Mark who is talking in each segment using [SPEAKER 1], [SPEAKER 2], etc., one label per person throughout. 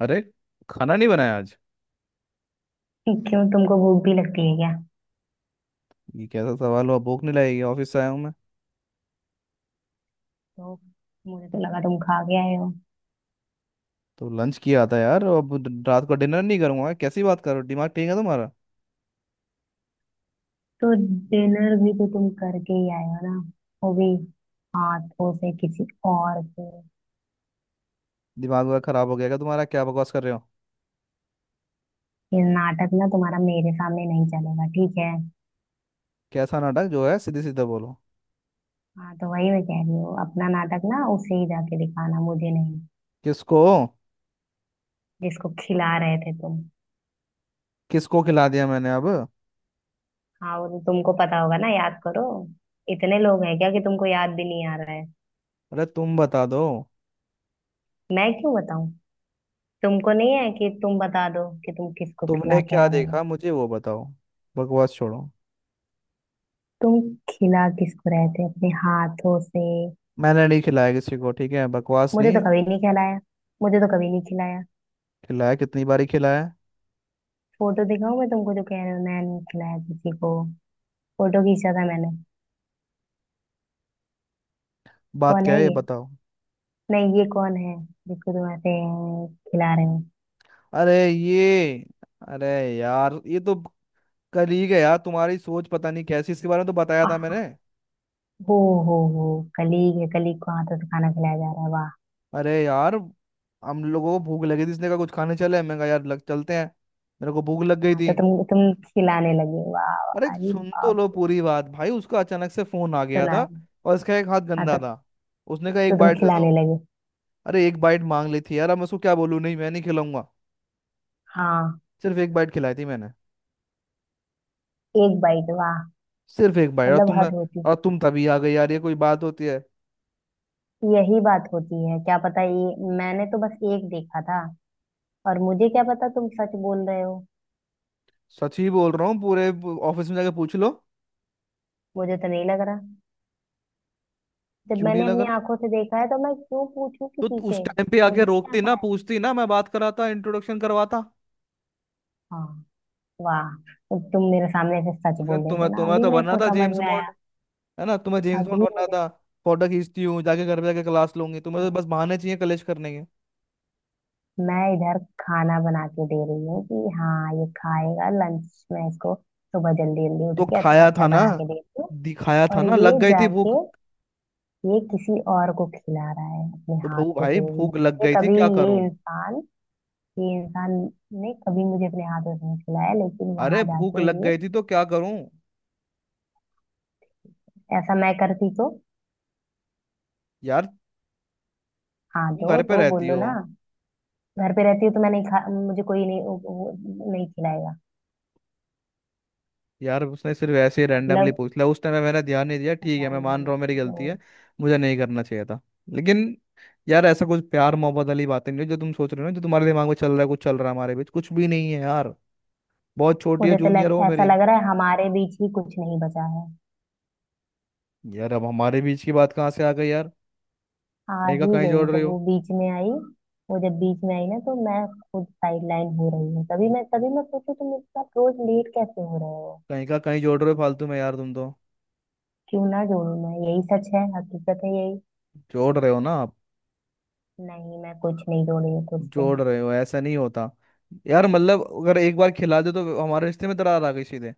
[SPEAKER 1] अरे, खाना नहीं बनाया आज।
[SPEAKER 2] क्यों तुमको भूख भी लगती है क्या।
[SPEAKER 1] ये कैसा सवाल हुआ? भूख नहीं लगेगी? ऑफिस से आया हूँ, मैं
[SPEAKER 2] तो मुझे तो लगा तुम खा के आए हो।
[SPEAKER 1] तो लंच किया था यार। अब रात को डिनर नहीं करूंगा? कैसी बात कर रहे हो, दिमाग ठीक है तुम्हारा?
[SPEAKER 2] तो डिनर भी तो तुम करके ही आए हो ना। वो भी हाथों से किसी और के।
[SPEAKER 1] दिमाग वगैरह खराब हो गया क्या तुम्हारा? क्या बकवास कर रहे हो?
[SPEAKER 2] ये नाटक ना तुम्हारा मेरे सामने नहीं चलेगा, ठीक है।
[SPEAKER 1] कैसा नाटक? जो है सीधे सीधे बोलो।
[SPEAKER 2] हाँ तो वही मैं कह रही हूँ, अपना नाटक ना उसे ही जाके दिखाना, मुझे नहीं।
[SPEAKER 1] किसको?
[SPEAKER 2] जिसको खिला रहे थे तुम।
[SPEAKER 1] किसको खिला दिया मैंने अब?
[SPEAKER 2] हाँ वो तो तुमको पता होगा ना, याद करो। इतने लोग हैं क्या कि तुमको याद भी नहीं आ रहा है।
[SPEAKER 1] अरे तुम बता दो।
[SPEAKER 2] मैं क्यों बताऊं। तुमको नहीं है कि तुम बता दो कि तुम किसको
[SPEAKER 1] तुमने
[SPEAKER 2] खिला के
[SPEAKER 1] क्या
[SPEAKER 2] आ रहे हो।
[SPEAKER 1] देखा मुझे वो बताओ। बकवास छोड़ो।
[SPEAKER 2] तुम खिला किसको रहे थे अपने हाथों से।
[SPEAKER 1] मैंने नहीं खिलाया किसी को, ठीक है? बकवास
[SPEAKER 2] मुझे तो
[SPEAKER 1] नहीं।
[SPEAKER 2] कभी नहीं खिलाया। मुझे तो कभी नहीं खिलाया।
[SPEAKER 1] खिलाया, कितनी बारी खिलाया?
[SPEAKER 2] फोटो दिखाऊं मैं तुमको जो कह रहे हो मैंने खिलाया किसी को। फोटो खींचा था मैंने।
[SPEAKER 1] बात
[SPEAKER 2] कौन
[SPEAKER 1] क्या
[SPEAKER 2] है
[SPEAKER 1] है ये
[SPEAKER 2] ये।
[SPEAKER 1] बताओ।
[SPEAKER 2] नहीं, ये कौन है। जिसको तुम ऐसे खिला रहे हो।
[SPEAKER 1] अरे ये, अरे यार, ये तो कलीग है यार। तुम्हारी सोच पता नहीं कैसी, इसके बारे में तो बताया था
[SPEAKER 2] आह।
[SPEAKER 1] मैंने।
[SPEAKER 2] हो। हो हो। कलीग है, कलीग को हाथों से खाना खिलाया जा रहा है, वाह।
[SPEAKER 1] अरे यार, हम लोगों को भूख लगी थी, इसने कहा कुछ खाने चले, मैं कहा यार लग चलते हैं। मेरे को भूख लग गई
[SPEAKER 2] हाँ तो
[SPEAKER 1] थी।
[SPEAKER 2] तुम खिलाने लगे, वाह
[SPEAKER 1] अरे
[SPEAKER 2] वाह, अरे
[SPEAKER 1] सुन तो
[SPEAKER 2] बाप।
[SPEAKER 1] लो पूरी बात भाई, उसका अचानक से फोन आ गया था
[SPEAKER 2] सुना।
[SPEAKER 1] और इसका एक हाथ
[SPEAKER 2] हाँ
[SPEAKER 1] गंदा
[SPEAKER 2] तो,
[SPEAKER 1] था। उसने कहा
[SPEAKER 2] तो
[SPEAKER 1] एक
[SPEAKER 2] तुम
[SPEAKER 1] बाइट दे दो।
[SPEAKER 2] खिलाने लगे।
[SPEAKER 1] अरे एक बाइट मांग ली थी यार, अब मैं उसको क्या बोलूँ, नहीं मैं नहीं खिलाऊंगा?
[SPEAKER 2] हाँ,
[SPEAKER 1] सिर्फ एक बाइट खिलाई थी मैंने।
[SPEAKER 2] एक बाइट, वाह।
[SPEAKER 1] सिर्फ एक बाइट और
[SPEAKER 2] मतलब
[SPEAKER 1] तुमने,
[SPEAKER 2] हद होती।
[SPEAKER 1] और तुम तभी आ गई यार। ये कोई बात होती है?
[SPEAKER 2] यही बात होती है, क्या पता, ये मैंने तो बस एक देखा था। और मुझे क्या पता तुम सच बोल रहे हो।
[SPEAKER 1] सच ही बोल रहा हूँ, पूरे ऑफिस में जाके पूछ लो।
[SPEAKER 2] मुझे तो नहीं लग रहा। जब
[SPEAKER 1] क्यों नहीं
[SPEAKER 2] मैंने
[SPEAKER 1] लग
[SPEAKER 2] अपनी
[SPEAKER 1] रहा?
[SPEAKER 2] आंखों से देखा है तो मैं क्यों पूछूं
[SPEAKER 1] तो
[SPEAKER 2] किसी
[SPEAKER 1] उस
[SPEAKER 2] से।
[SPEAKER 1] टाइम पे आके
[SPEAKER 2] मुझे क्या
[SPEAKER 1] रोकती ना,
[SPEAKER 2] पता है।
[SPEAKER 1] पूछती ना, मैं बात कराता, इंट्रोडक्शन करवाता।
[SPEAKER 2] हाँ। वाह। तो तुम मेरे सामने से सच
[SPEAKER 1] लेकिन
[SPEAKER 2] बोल देते
[SPEAKER 1] तुम्हें
[SPEAKER 2] ना,
[SPEAKER 1] तुम्हें
[SPEAKER 2] अभी
[SPEAKER 1] तो
[SPEAKER 2] मेरे
[SPEAKER 1] बनना
[SPEAKER 2] को
[SPEAKER 1] था
[SPEAKER 2] समझ
[SPEAKER 1] जेम्स
[SPEAKER 2] में आया।
[SPEAKER 1] बॉन्ड। है ना? तुम्हें जेम्स
[SPEAKER 2] अभी
[SPEAKER 1] बॉन्ड बनना
[SPEAKER 2] मुझे।
[SPEAKER 1] था। फोटो खींचती हूँ जाके, घर पे जाके क्लास लूंगी, तुम्हें तो बस बहाने चाहिए कलेश करने के।
[SPEAKER 2] मैं इधर खाना बना के दे रही हूँ कि हाँ ये खाएगा लंच में इसको, सुबह जल्दी जल्दी उठ
[SPEAKER 1] तो
[SPEAKER 2] के अच्छा
[SPEAKER 1] खाया
[SPEAKER 2] अच्छा
[SPEAKER 1] था ना,
[SPEAKER 2] बना के देती हूँ।
[SPEAKER 1] दिखाया था
[SPEAKER 2] और
[SPEAKER 1] ना,
[SPEAKER 2] ये
[SPEAKER 1] लग गई थी भूख।
[SPEAKER 2] जाके ये किसी और को खिला रहा है, अपने
[SPEAKER 1] तो भू
[SPEAKER 2] हाथ को
[SPEAKER 1] भाई
[SPEAKER 2] सूंघ रहा
[SPEAKER 1] भूख लग
[SPEAKER 2] है। ये
[SPEAKER 1] गई थी
[SPEAKER 2] कभी,
[SPEAKER 1] क्या
[SPEAKER 2] ये
[SPEAKER 1] करूं?
[SPEAKER 2] इंसान, ये इंसान ने कभी मुझे अपने हाथों से नहीं खिलाया, लेकिन
[SPEAKER 1] अरे
[SPEAKER 2] वहां
[SPEAKER 1] भूख
[SPEAKER 2] जाके
[SPEAKER 1] लग
[SPEAKER 2] ये।
[SPEAKER 1] गई थी तो क्या करूं?
[SPEAKER 2] ऐसा मैं करती तो।
[SPEAKER 1] यार
[SPEAKER 2] हाँ
[SPEAKER 1] तुम
[SPEAKER 2] दो
[SPEAKER 1] घर पे
[SPEAKER 2] तो
[SPEAKER 1] रहती
[SPEAKER 2] बोलो
[SPEAKER 1] हो।
[SPEAKER 2] ना। घर पे रहती हूँ तो मैं नहीं खा, मुझे कोई नहीं नहीं खिलाएगा।
[SPEAKER 1] यार उसने सिर्फ ऐसे ही रैंडमली
[SPEAKER 2] मतलब,
[SPEAKER 1] पूछ लिया, उस टाइम पे मैंने ध्यान नहीं दिया। ठीक है, मैं मान
[SPEAKER 2] रैंडम।
[SPEAKER 1] रहा हूँ मेरी गलती है, मुझे नहीं करना चाहिए था। लेकिन यार ऐसा कुछ प्यार मोहब्बत वाली बातें नहीं है, जो तुम सोच रहे हो ना, जो तुम्हारे दिमाग में चल रहा है, कुछ चल रहा है हमारे बीच, कुछ भी नहीं है यार। बहुत छोटी है, जूनियर हो
[SPEAKER 2] ऐसा
[SPEAKER 1] मेरी।
[SPEAKER 2] लग रहा है हमारे बीच ही कुछ नहीं बचा है।
[SPEAKER 1] यार अब हमारे बीच की बात कहाँ से आ गई यार?
[SPEAKER 2] आ
[SPEAKER 1] कहीं का
[SPEAKER 2] ही
[SPEAKER 1] कहीं
[SPEAKER 2] गई,
[SPEAKER 1] जोड़ रहे
[SPEAKER 2] जब
[SPEAKER 1] हो।
[SPEAKER 2] वो बीच में आई। वो जब बीच में आई ना तो मैं खुद साइडलाइन हो रही हूँ, तभी मैं सोचू तुम मेरे साथ रोज लेट कैसे हो रहे हो।
[SPEAKER 1] कहीं का कहीं जोड़ रहे हो फालतू में यार तुम तो।
[SPEAKER 2] क्यों ना जोड़ू मैं, यही सच है, हकीकत है यही।
[SPEAKER 1] जोड़ रहे हो ना आप,
[SPEAKER 2] नहीं मैं कुछ नहीं जोड़ी हूँ खुद से।
[SPEAKER 1] जोड़ रहे हो, ऐसा नहीं होता। यार मतलब, अगर एक बार खिला दो तो हमारे रिश्ते में दरार आ गई सीधे?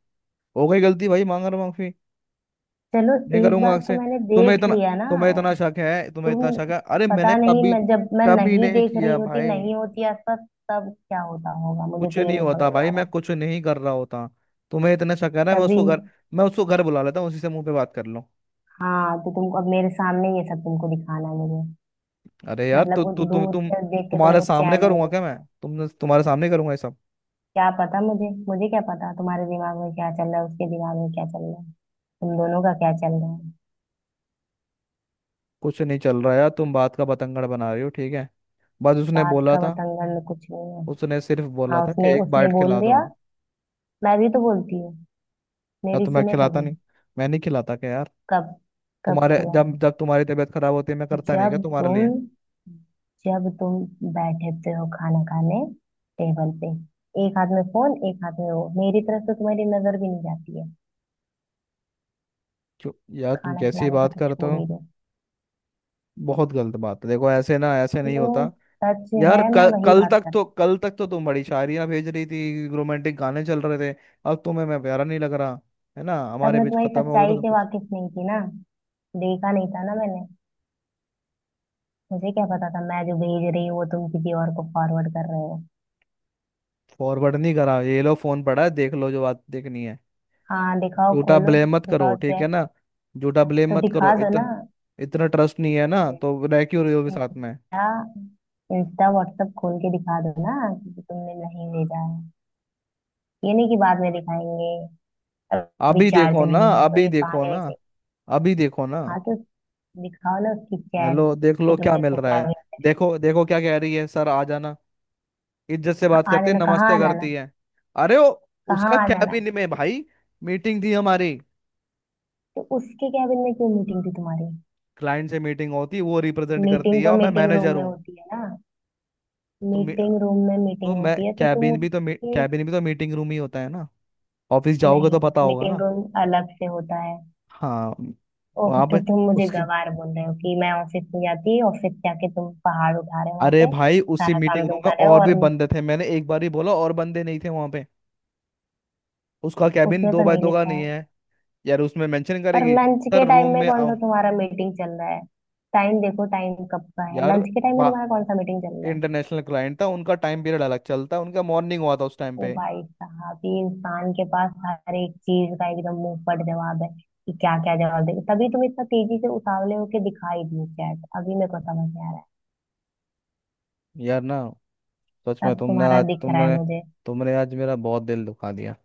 [SPEAKER 1] हो गई गलती भाई, मांग रहा माफी,
[SPEAKER 2] चलो।
[SPEAKER 1] नहीं
[SPEAKER 2] एक
[SPEAKER 1] करूंगा
[SPEAKER 2] बार तो
[SPEAKER 1] आपसे।
[SPEAKER 2] मैंने
[SPEAKER 1] तुम्हें
[SPEAKER 2] देख
[SPEAKER 1] इतना
[SPEAKER 2] लिया ना।
[SPEAKER 1] तुम्हें इतना शक है? तुम्हें इतना शक
[SPEAKER 2] तुम,
[SPEAKER 1] है? अरे मैंने
[SPEAKER 2] पता नहीं,
[SPEAKER 1] कभी
[SPEAKER 2] मैं जब मैं
[SPEAKER 1] कभी
[SPEAKER 2] नहीं
[SPEAKER 1] नहीं
[SPEAKER 2] देख रही
[SPEAKER 1] किया
[SPEAKER 2] होती,
[SPEAKER 1] भाई,
[SPEAKER 2] नहीं होती आसपास, तब क्या होता होगा, मुझे
[SPEAKER 1] कुछ
[SPEAKER 2] तो ये
[SPEAKER 1] नहीं
[SPEAKER 2] नहीं
[SPEAKER 1] होता
[SPEAKER 2] समझ में
[SPEAKER 1] भाई,
[SPEAKER 2] आ
[SPEAKER 1] मैं
[SPEAKER 2] रहा।
[SPEAKER 1] कुछ नहीं कर रहा होता। तुम्हें इतना शक है ना, मैं
[SPEAKER 2] तभी।
[SPEAKER 1] उसको घर मैं उसको घर बुला लेता हूँ, उसी से मुंह पे बात कर लो।
[SPEAKER 2] हाँ तो तुमको अब मेरे सामने ये सब तुमको दिखाना है मुझे।
[SPEAKER 1] अरे यार,
[SPEAKER 2] मतलब
[SPEAKER 1] तो
[SPEAKER 2] वो
[SPEAKER 1] तु, तु,
[SPEAKER 2] दूर
[SPEAKER 1] तुम
[SPEAKER 2] से देख के
[SPEAKER 1] तुम्हारे
[SPEAKER 2] तुमको
[SPEAKER 1] सामने
[SPEAKER 2] चैन
[SPEAKER 1] करूंगा
[SPEAKER 2] नहीं।
[SPEAKER 1] क्या मैं? तुम्हारे सामने करूंगा ये सब?
[SPEAKER 2] क्या पता मुझे, मुझे क्या पता तुम्हारे दिमाग में क्या चल रहा है, उसके दिमाग में क्या चल रहा है, तुम दोनों का क्या चल रहा है।
[SPEAKER 1] कुछ नहीं चल रहा यार, तुम बात का बतंगड़ बना रही हो, ठीक है? बस उसने
[SPEAKER 2] बात
[SPEAKER 1] बोला
[SPEAKER 2] का
[SPEAKER 1] था,
[SPEAKER 2] बतंगड़ में कुछ नहीं है।
[SPEAKER 1] उसने सिर्फ बोला
[SPEAKER 2] हाँ
[SPEAKER 1] था कि
[SPEAKER 2] उसने
[SPEAKER 1] एक
[SPEAKER 2] उसने
[SPEAKER 1] बाइट
[SPEAKER 2] बोल
[SPEAKER 1] खिला दो।
[SPEAKER 2] दिया, मैं भी तो बोलती हूँ,
[SPEAKER 1] या
[SPEAKER 2] मेरी
[SPEAKER 1] तो मैं
[SPEAKER 2] सुने
[SPEAKER 1] खिलाता
[SPEAKER 2] कभी।
[SPEAKER 1] नहीं? मैं नहीं खिलाता क्या यार?
[SPEAKER 2] कब। कब
[SPEAKER 1] तुम्हारे
[SPEAKER 2] खिलाए।
[SPEAKER 1] जब जब तुम्हारी तबीयत खराब होती है मैं करता नहीं
[SPEAKER 2] जब
[SPEAKER 1] क्या तुम्हारे लिए?
[SPEAKER 2] तुम जब तुम बैठते हो खाना खाने टेबल पे, एक हाथ में फोन एक हाथ में वो, मेरी तरफ से तुम्हारी नजर भी नहीं जाती है।
[SPEAKER 1] क्यों? यार तुम
[SPEAKER 2] खाना
[SPEAKER 1] कैसी
[SPEAKER 2] खिलाने का
[SPEAKER 1] बात
[SPEAKER 2] तो
[SPEAKER 1] करते
[SPEAKER 2] छोड़
[SPEAKER 1] हो?
[SPEAKER 2] ही दो।
[SPEAKER 1] बहुत गलत बात है, देखो ऐसे ना, ऐसे नहीं
[SPEAKER 2] जो
[SPEAKER 1] होता।
[SPEAKER 2] सच
[SPEAKER 1] यार
[SPEAKER 2] है मैं
[SPEAKER 1] कल
[SPEAKER 2] वही बात कर।
[SPEAKER 1] कल तक तो तुम बड़ी शायरियां भेज रही थी, रोमांटिक गाने चल रहे थे। अब तुम्हें मैं प्यारा नहीं लग रहा? है ना,
[SPEAKER 2] तब
[SPEAKER 1] हमारे
[SPEAKER 2] मैं
[SPEAKER 1] बीच
[SPEAKER 2] तुम्हारी
[SPEAKER 1] खत्म हो गया
[SPEAKER 2] सच्चाई
[SPEAKER 1] तो
[SPEAKER 2] से
[SPEAKER 1] कुछ।
[SPEAKER 2] वाकिफ नहीं थी ना, देखा नहीं था ना मैंने। मुझे क्या पता था मैं जो भेज रही हूँ वो तुम किसी और को फॉरवर्ड कर रहे हो।
[SPEAKER 1] फॉरवर्ड नहीं करा, ये लो फोन पड़ा है, देख लो जो बात देखनी है।
[SPEAKER 2] हाँ दिखाओ,
[SPEAKER 1] झूठा
[SPEAKER 2] खोलो।
[SPEAKER 1] ब्लेम मत करो,
[SPEAKER 2] दिखाओ,
[SPEAKER 1] ठीक है
[SPEAKER 2] चेक।
[SPEAKER 1] ना? झूठा ब्लेम
[SPEAKER 2] तो
[SPEAKER 1] मत करो
[SPEAKER 2] दिखा दो ना।
[SPEAKER 1] इतना। इतना ट्रस्ट नहीं है ना तो रह क्यों रहे हो भी साथ में?
[SPEAKER 2] इंस्टा, इंस्टा व्हाट्सएप खोल के दिखा दो ना कि तुमने नहीं भेजा है। ये नहीं कि बाद में दिखाएंगे, अभी
[SPEAKER 1] अभी
[SPEAKER 2] चार्ज
[SPEAKER 1] देखो ना,
[SPEAKER 2] नहीं है, तो
[SPEAKER 1] अभी
[SPEAKER 2] ये
[SPEAKER 1] देखो
[SPEAKER 2] बहाने में
[SPEAKER 1] ना,
[SPEAKER 2] से।
[SPEAKER 1] अभी देखो ना।
[SPEAKER 2] हाँ तो दिखाओ ना उसकी चैट,
[SPEAKER 1] हेलो, देख लो
[SPEAKER 2] कि
[SPEAKER 1] क्या
[SPEAKER 2] तुमने
[SPEAKER 1] मिल
[SPEAKER 2] इसको
[SPEAKER 1] रहा
[SPEAKER 2] क्या
[SPEAKER 1] है।
[SPEAKER 2] भेजा।
[SPEAKER 1] देखो देखो क्या कह रही है, सर आ जाना। इज्जत से
[SPEAKER 2] हाँ,
[SPEAKER 1] बात
[SPEAKER 2] आ
[SPEAKER 1] करती है,
[SPEAKER 2] जाना कहाँ
[SPEAKER 1] नमस्ते
[SPEAKER 2] आ जाना।
[SPEAKER 1] करती है। अरे वो,
[SPEAKER 2] कहाँ
[SPEAKER 1] उसका
[SPEAKER 2] आ जाना।
[SPEAKER 1] कैबिन में भाई मीटिंग थी हमारी।
[SPEAKER 2] तो उसके कैबिन में क्यों मीटिंग थी तुम्हारी।
[SPEAKER 1] क्लाइंट से मीटिंग होती, वो रिप्रेजेंट करती
[SPEAKER 2] मीटिंग
[SPEAKER 1] है
[SPEAKER 2] तो
[SPEAKER 1] और मैं
[SPEAKER 2] मीटिंग रूम
[SPEAKER 1] मैनेजर
[SPEAKER 2] में
[SPEAKER 1] हूँ।
[SPEAKER 2] होती है ना।
[SPEAKER 1] तो मी-
[SPEAKER 2] मीटिंग रूम में
[SPEAKER 1] तो
[SPEAKER 2] मीटिंग
[SPEAKER 1] मैं
[SPEAKER 2] होती है तो तुम उसके।
[SPEAKER 1] कैबिन भी तो मीटिंग रूम ही होता है ना? ऑफिस जाओगे तो
[SPEAKER 2] नहीं,
[SPEAKER 1] पता होगा
[SPEAKER 2] मीटिंग
[SPEAKER 1] ना।
[SPEAKER 2] रूम अलग से होता है।
[SPEAKER 1] हाँ।
[SPEAKER 2] ओह
[SPEAKER 1] वहां
[SPEAKER 2] तो
[SPEAKER 1] पे
[SPEAKER 2] तुम मुझे
[SPEAKER 1] उसके
[SPEAKER 2] गवार बोल रहे हो कि मैं ऑफिस में जाती, ऑफिस जाके तुम पहाड़ उठा रहे हो वहां
[SPEAKER 1] अरे
[SPEAKER 2] पे।
[SPEAKER 1] भाई उसी
[SPEAKER 2] सारा
[SPEAKER 1] मीटिंग
[SPEAKER 2] काम
[SPEAKER 1] रूम
[SPEAKER 2] तुम
[SPEAKER 1] में
[SPEAKER 2] कर रहे हो
[SPEAKER 1] और भी
[SPEAKER 2] और।
[SPEAKER 1] बंदे थे, मैंने एक बार ही बोला, और बंदे नहीं थे वहां पे? उसका कैबिन
[SPEAKER 2] उसमें
[SPEAKER 1] दो
[SPEAKER 2] तो
[SPEAKER 1] बाय
[SPEAKER 2] नहीं
[SPEAKER 1] दो का
[SPEAKER 2] लिखा
[SPEAKER 1] नहीं
[SPEAKER 2] है।
[SPEAKER 1] है। यार उसमें मेंशन
[SPEAKER 2] और
[SPEAKER 1] करेगी,
[SPEAKER 2] लंच
[SPEAKER 1] सर
[SPEAKER 2] के
[SPEAKER 1] रूम
[SPEAKER 2] टाइम में
[SPEAKER 1] में
[SPEAKER 2] कौन सा
[SPEAKER 1] आओ?
[SPEAKER 2] तुम्हारा मीटिंग चल रहा है। टाइम देखो, टाइम कब का है,
[SPEAKER 1] यार
[SPEAKER 2] लंच के टाइम में
[SPEAKER 1] बा
[SPEAKER 2] तुम्हारा कौन सा मीटिंग चल रहा है।
[SPEAKER 1] इंटरनेशनल क्लाइंट था, उनका टाइम पीरियड अलग चलता है, उनका मॉर्निंग हुआ था उस टाइम
[SPEAKER 2] ओ
[SPEAKER 1] पे।
[SPEAKER 2] भाई साहब, ये इंसान के पास हर एक चीज का एकदम मुंह पर जवाब है कि क्या क्या जवाब दे। तभी तुम इतना तेजी से उतावले होके दिखाई दी चैट, अभी मेरे को समझ में आ रहा है।
[SPEAKER 1] यार ना। सच में
[SPEAKER 2] सब तुम्हारा दिख रहा है मुझे।
[SPEAKER 1] तुमने आज मेरा बहुत दिल दुखा दिया।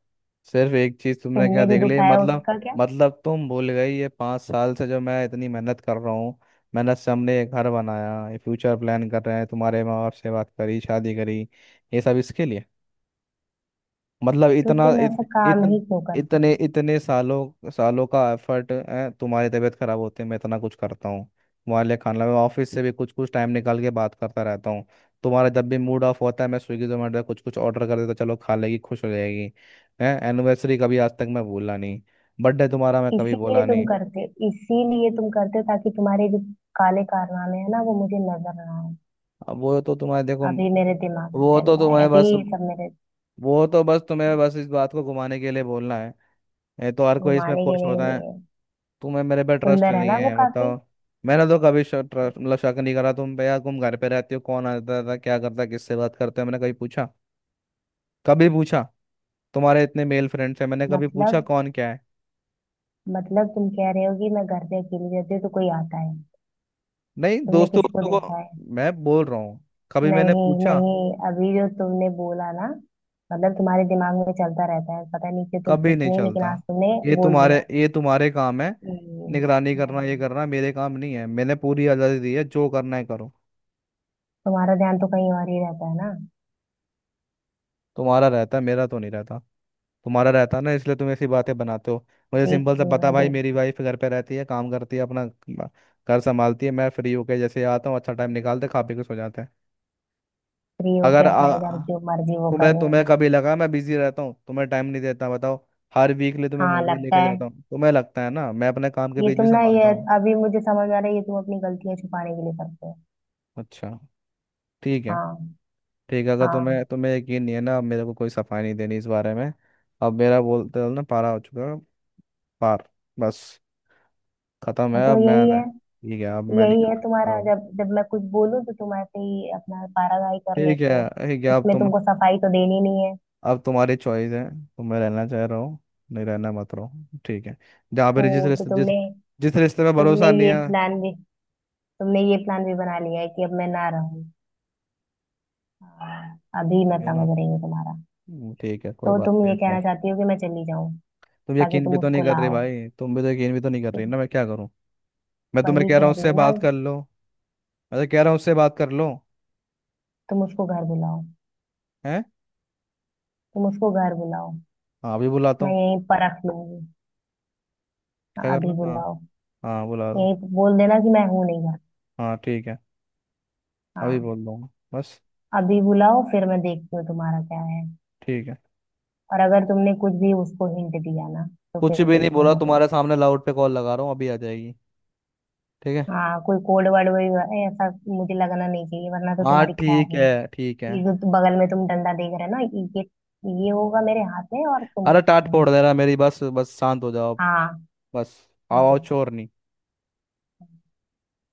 [SPEAKER 1] सिर्फ एक चीज तुमने क्या
[SPEAKER 2] तुमने जो
[SPEAKER 1] देख ली
[SPEAKER 2] दुखाया
[SPEAKER 1] मतलब?
[SPEAKER 2] उसका क्या।
[SPEAKER 1] मतलब तुम भूल गई, ये 5 साल से जो मैं इतनी मेहनत कर रहा हूँ, मेहनत से हमने ये घर बनाया, ये फ्यूचर प्लान कर रहे हैं, तुम्हारे माँ बाप से बात करी, शादी करी, ये सब इसके लिए। मतलब
[SPEAKER 2] तो
[SPEAKER 1] इतना
[SPEAKER 2] तुम
[SPEAKER 1] इत,
[SPEAKER 2] ऐसा काम
[SPEAKER 1] इतन,
[SPEAKER 2] ही क्यों करते हो।
[SPEAKER 1] इतने इतने सालों सालों का एफर्ट है, तुम्हारी तबीयत खराब होते मैं इतना कुछ करता हूँ तुम्हारे लिए, खाना, मैं ऑफिस से भी कुछ कुछ टाइम निकाल के बात करता रहता हूँ। तुम्हारा जब भी मूड ऑफ होता है मैं स्विगी जोमेटो कुछ कुछ ऑर्डर कर देता, चलो खा लेगी खुश हो जाएगी। है एनिवर्सरी, कभी आज तक मैं भूला नहीं, बर्थडे तुम्हारा मैं कभी
[SPEAKER 2] इसीलिए
[SPEAKER 1] भूला
[SPEAKER 2] तुम
[SPEAKER 1] नहीं।
[SPEAKER 2] करते हो, इसीलिए तुम करते हो ताकि तुम्हारे जो काले कारनामे है ना वो मुझे नजर ना आए।
[SPEAKER 1] अब वो तो तुम्हारे, देखो
[SPEAKER 2] अभी मेरे दिमाग में
[SPEAKER 1] वो
[SPEAKER 2] चल
[SPEAKER 1] तो
[SPEAKER 2] रहा है
[SPEAKER 1] तुम्हें
[SPEAKER 2] अभी
[SPEAKER 1] बस
[SPEAKER 2] ये सब मेरे।
[SPEAKER 1] वो तो बस तुम्हें बस इस बात को घुमाने के लिए बोलना है। ये तो हर कोई इसमें
[SPEAKER 2] घुमाने के
[SPEAKER 1] खुश होता
[SPEAKER 2] लिए
[SPEAKER 1] है।
[SPEAKER 2] है।
[SPEAKER 1] तुम्हें मेरे पे ट्रस्ट
[SPEAKER 2] सुंदर है
[SPEAKER 1] नहीं
[SPEAKER 2] ना वो
[SPEAKER 1] है
[SPEAKER 2] काफी।
[SPEAKER 1] बताओ? मैंने तो कभी शक, ट्रस्ट मतलब, शक नहीं करा तुम पे यार। तुम घर पे रहती हो, कौन आता था, क्या करता, किससे बात करते हो, मैंने कभी पूछा? कभी पूछा? तुम्हारे इतने मेल फ्रेंड्स हैं, मैंने कभी पूछा
[SPEAKER 2] मतलब।
[SPEAKER 1] कौन क्या है?
[SPEAKER 2] मतलब तुम कह रहे हो कि मैं घर पे अकेली रहती हूँ तो कोई आता है।
[SPEAKER 1] नहीं,
[SPEAKER 2] तुमने
[SPEAKER 1] दोस्तों
[SPEAKER 2] किसको
[SPEAKER 1] दोस्तों
[SPEAKER 2] देखा
[SPEAKER 1] को
[SPEAKER 2] है।
[SPEAKER 1] मैं बोल रहा हूँ, कभी मैंने
[SPEAKER 2] नहीं
[SPEAKER 1] पूछा?
[SPEAKER 2] नहीं, अभी जो तुमने बोला ना, मतलब तुम्हारे दिमाग में चलता रहता है, पता नहीं कि तुम
[SPEAKER 1] कभी
[SPEAKER 2] कुछ
[SPEAKER 1] नहीं
[SPEAKER 2] नहीं लेकिन
[SPEAKER 1] चलता।
[SPEAKER 2] आज तुमने
[SPEAKER 1] ये
[SPEAKER 2] बोल
[SPEAKER 1] तुम्हारे,
[SPEAKER 2] दिया।
[SPEAKER 1] ये तुम्हारे काम है,
[SPEAKER 2] हम्म।
[SPEAKER 1] निगरानी करना। ये
[SPEAKER 2] नहीं,
[SPEAKER 1] करना मेरे काम नहीं है, मैंने पूरी आज़ादी दी है, जो करना है करो।
[SPEAKER 2] तुम्हारा ध्यान तो कहीं और ही रहता है ना।
[SPEAKER 1] तुम्हारा रहता है, मेरा तो नहीं रहता। तुम्हारा रहता है ना, इसलिए तुम ऐसी बातें बनाते हो। मुझे
[SPEAKER 2] देख
[SPEAKER 1] सिंपल सा
[SPEAKER 2] लूँ
[SPEAKER 1] बता,
[SPEAKER 2] मैं
[SPEAKER 1] भाई मेरी
[SPEAKER 2] देख।
[SPEAKER 1] वाइफ घर पे रहती है, काम करती है, घर संभालती है, मैं फ्री होके जैसे आता हूँ, अच्छा टाइम निकालते, खा पी के सो जाते हैं।
[SPEAKER 2] फ्री होके
[SPEAKER 1] अगर
[SPEAKER 2] अपना इधर
[SPEAKER 1] आ,
[SPEAKER 2] जो मर्जी वो
[SPEAKER 1] तुम्हें
[SPEAKER 2] करूँ
[SPEAKER 1] तुम्हें
[SPEAKER 2] मैं।
[SPEAKER 1] कभी लगा मैं बिजी रहता हूँ, तुम्हें टाइम नहीं देता, बताओ? हर वीकली तुम्हें
[SPEAKER 2] हाँ
[SPEAKER 1] मूवी
[SPEAKER 2] लगता
[SPEAKER 1] लेके
[SPEAKER 2] है।
[SPEAKER 1] जाता हूँ, तुम्हें लगता है ना मैं अपने काम के
[SPEAKER 2] ये
[SPEAKER 1] बीच
[SPEAKER 2] तुम
[SPEAKER 1] भी
[SPEAKER 2] ना ये,
[SPEAKER 1] संभालता हूँ।
[SPEAKER 2] अभी मुझे समझ आ रहा है ये तुम अपनी गलतियां छुपाने के लिए करते हो।
[SPEAKER 1] अच्छा, ठीक है
[SPEAKER 2] हाँ।
[SPEAKER 1] ठीक है, अगर तुम्हें
[SPEAKER 2] हाँ।
[SPEAKER 1] तुम्हें यकीन नहीं है ना, अब मेरे को कोई सफाई नहीं देनी इस बारे में। अब मेरा, बोलते हो ना, पारा हो चुका है, पार बस, खत्म
[SPEAKER 2] हाँ,
[SPEAKER 1] है।
[SPEAKER 2] तो
[SPEAKER 1] अब मैं
[SPEAKER 2] यही है।
[SPEAKER 1] नहीं- ठीक है, अब मैं नहीं
[SPEAKER 2] यही
[SPEAKER 1] कर
[SPEAKER 2] है
[SPEAKER 1] सकता
[SPEAKER 2] तुम्हारा,
[SPEAKER 1] अब।
[SPEAKER 2] जब जब मैं कुछ बोलूं तो तुम ऐसे ही अपना पारागाही कर
[SPEAKER 1] ठीक
[SPEAKER 2] लेते
[SPEAKER 1] है
[SPEAKER 2] हो।
[SPEAKER 1] ठीक है, अब
[SPEAKER 2] इसमें
[SPEAKER 1] तुम,
[SPEAKER 2] तुमको सफाई तो देनी नहीं है।
[SPEAKER 1] अब तुम्हारी चॉइस है, तुम्हें रहना चाह रहा हो, नहीं रहना मत रहो। ठीक है, जहाँ
[SPEAKER 2] हो।
[SPEAKER 1] पे जिस
[SPEAKER 2] तो
[SPEAKER 1] रिश्ते जिस
[SPEAKER 2] तुमने,
[SPEAKER 1] जिस रिश्ते में
[SPEAKER 2] तुमने
[SPEAKER 1] भरोसा नहीं
[SPEAKER 2] ये
[SPEAKER 1] है।
[SPEAKER 2] प्लान भी, तुमने ये प्लान भी बना लिया है कि अब मैं ना रहूं। हाँ, अभी मैं
[SPEAKER 1] है ना?
[SPEAKER 2] समझ रही हूँ तुम्हारा।
[SPEAKER 1] ठीक है, कोई
[SPEAKER 2] तो
[SPEAKER 1] बात
[SPEAKER 2] तुम
[SPEAKER 1] नहीं
[SPEAKER 2] ये
[SPEAKER 1] तुम।
[SPEAKER 2] कहना चाहती हो कि मैं चली जाऊं
[SPEAKER 1] तुम
[SPEAKER 2] ताकि
[SPEAKER 1] यकीन भी
[SPEAKER 2] तुम
[SPEAKER 1] तो
[SPEAKER 2] उसको
[SPEAKER 1] नहीं कर रही
[SPEAKER 2] लाओ।
[SPEAKER 1] भाई, तुम भी तो यकीन भी तो नहीं कर
[SPEAKER 2] तो
[SPEAKER 1] रही ना, मैं क्या करूँ? मैं तुम्हें
[SPEAKER 2] वही
[SPEAKER 1] कह रहा हूँ
[SPEAKER 2] कह रही
[SPEAKER 1] उससे
[SPEAKER 2] हूँ ना।
[SPEAKER 1] बात कर लो, मैं तो कह रहा हूँ उससे बात कर लो।
[SPEAKER 2] तुम उसको घर बुलाओ।
[SPEAKER 1] हैं?
[SPEAKER 2] तुम उसको घर बुलाओ।
[SPEAKER 1] हाँ अभी बुलाता
[SPEAKER 2] मैं
[SPEAKER 1] हूँ।
[SPEAKER 2] यहीं परख लूंगी।
[SPEAKER 1] क्या
[SPEAKER 2] हाँ,
[SPEAKER 1] कर लो?
[SPEAKER 2] अभी
[SPEAKER 1] हाँ,
[SPEAKER 2] बुलाओ।
[SPEAKER 1] हाँ बुला दो।
[SPEAKER 2] यहीं बोल देना कि मैं हूं नहीं घर।
[SPEAKER 1] हाँ ठीक है, अभी
[SPEAKER 2] हाँ
[SPEAKER 1] बोल दूंगा बस।
[SPEAKER 2] अभी बुलाओ, फिर मैं देखती हूँ तुम्हारा क्या है।
[SPEAKER 1] ठीक है,
[SPEAKER 2] और अगर तुमने कुछ भी उसको हिंट दिया ना तो
[SPEAKER 1] कुछ
[SPEAKER 2] फिर
[SPEAKER 1] भी नहीं
[SPEAKER 2] देख
[SPEAKER 1] बोला,
[SPEAKER 2] लेना तुम।
[SPEAKER 1] तुम्हारे सामने लाउड पे कॉल लगा रहा हूँ, अभी आ जाएगी। ठीक है।
[SPEAKER 2] हाँ कोई कोड वर्ड वही है, ऐसा मुझे लगना नहीं चाहिए, वरना तो
[SPEAKER 1] हाँ,
[SPEAKER 2] तुम्हारी खैर
[SPEAKER 1] ठीक
[SPEAKER 2] नहीं।
[SPEAKER 1] है ठीक है।
[SPEAKER 2] बगल में तुम डंडा देख रहे हो ना, ये ये होगा मेरे हाथ में और तुम
[SPEAKER 1] अरे, टाट
[SPEAKER 2] सामने।
[SPEAKER 1] फोड़ दे रहा मेरी, बस बस शांत हो जाओ।
[SPEAKER 2] हाँ।
[SPEAKER 1] बस, आओ
[SPEAKER 2] हाँ।
[SPEAKER 1] शोर नहीं।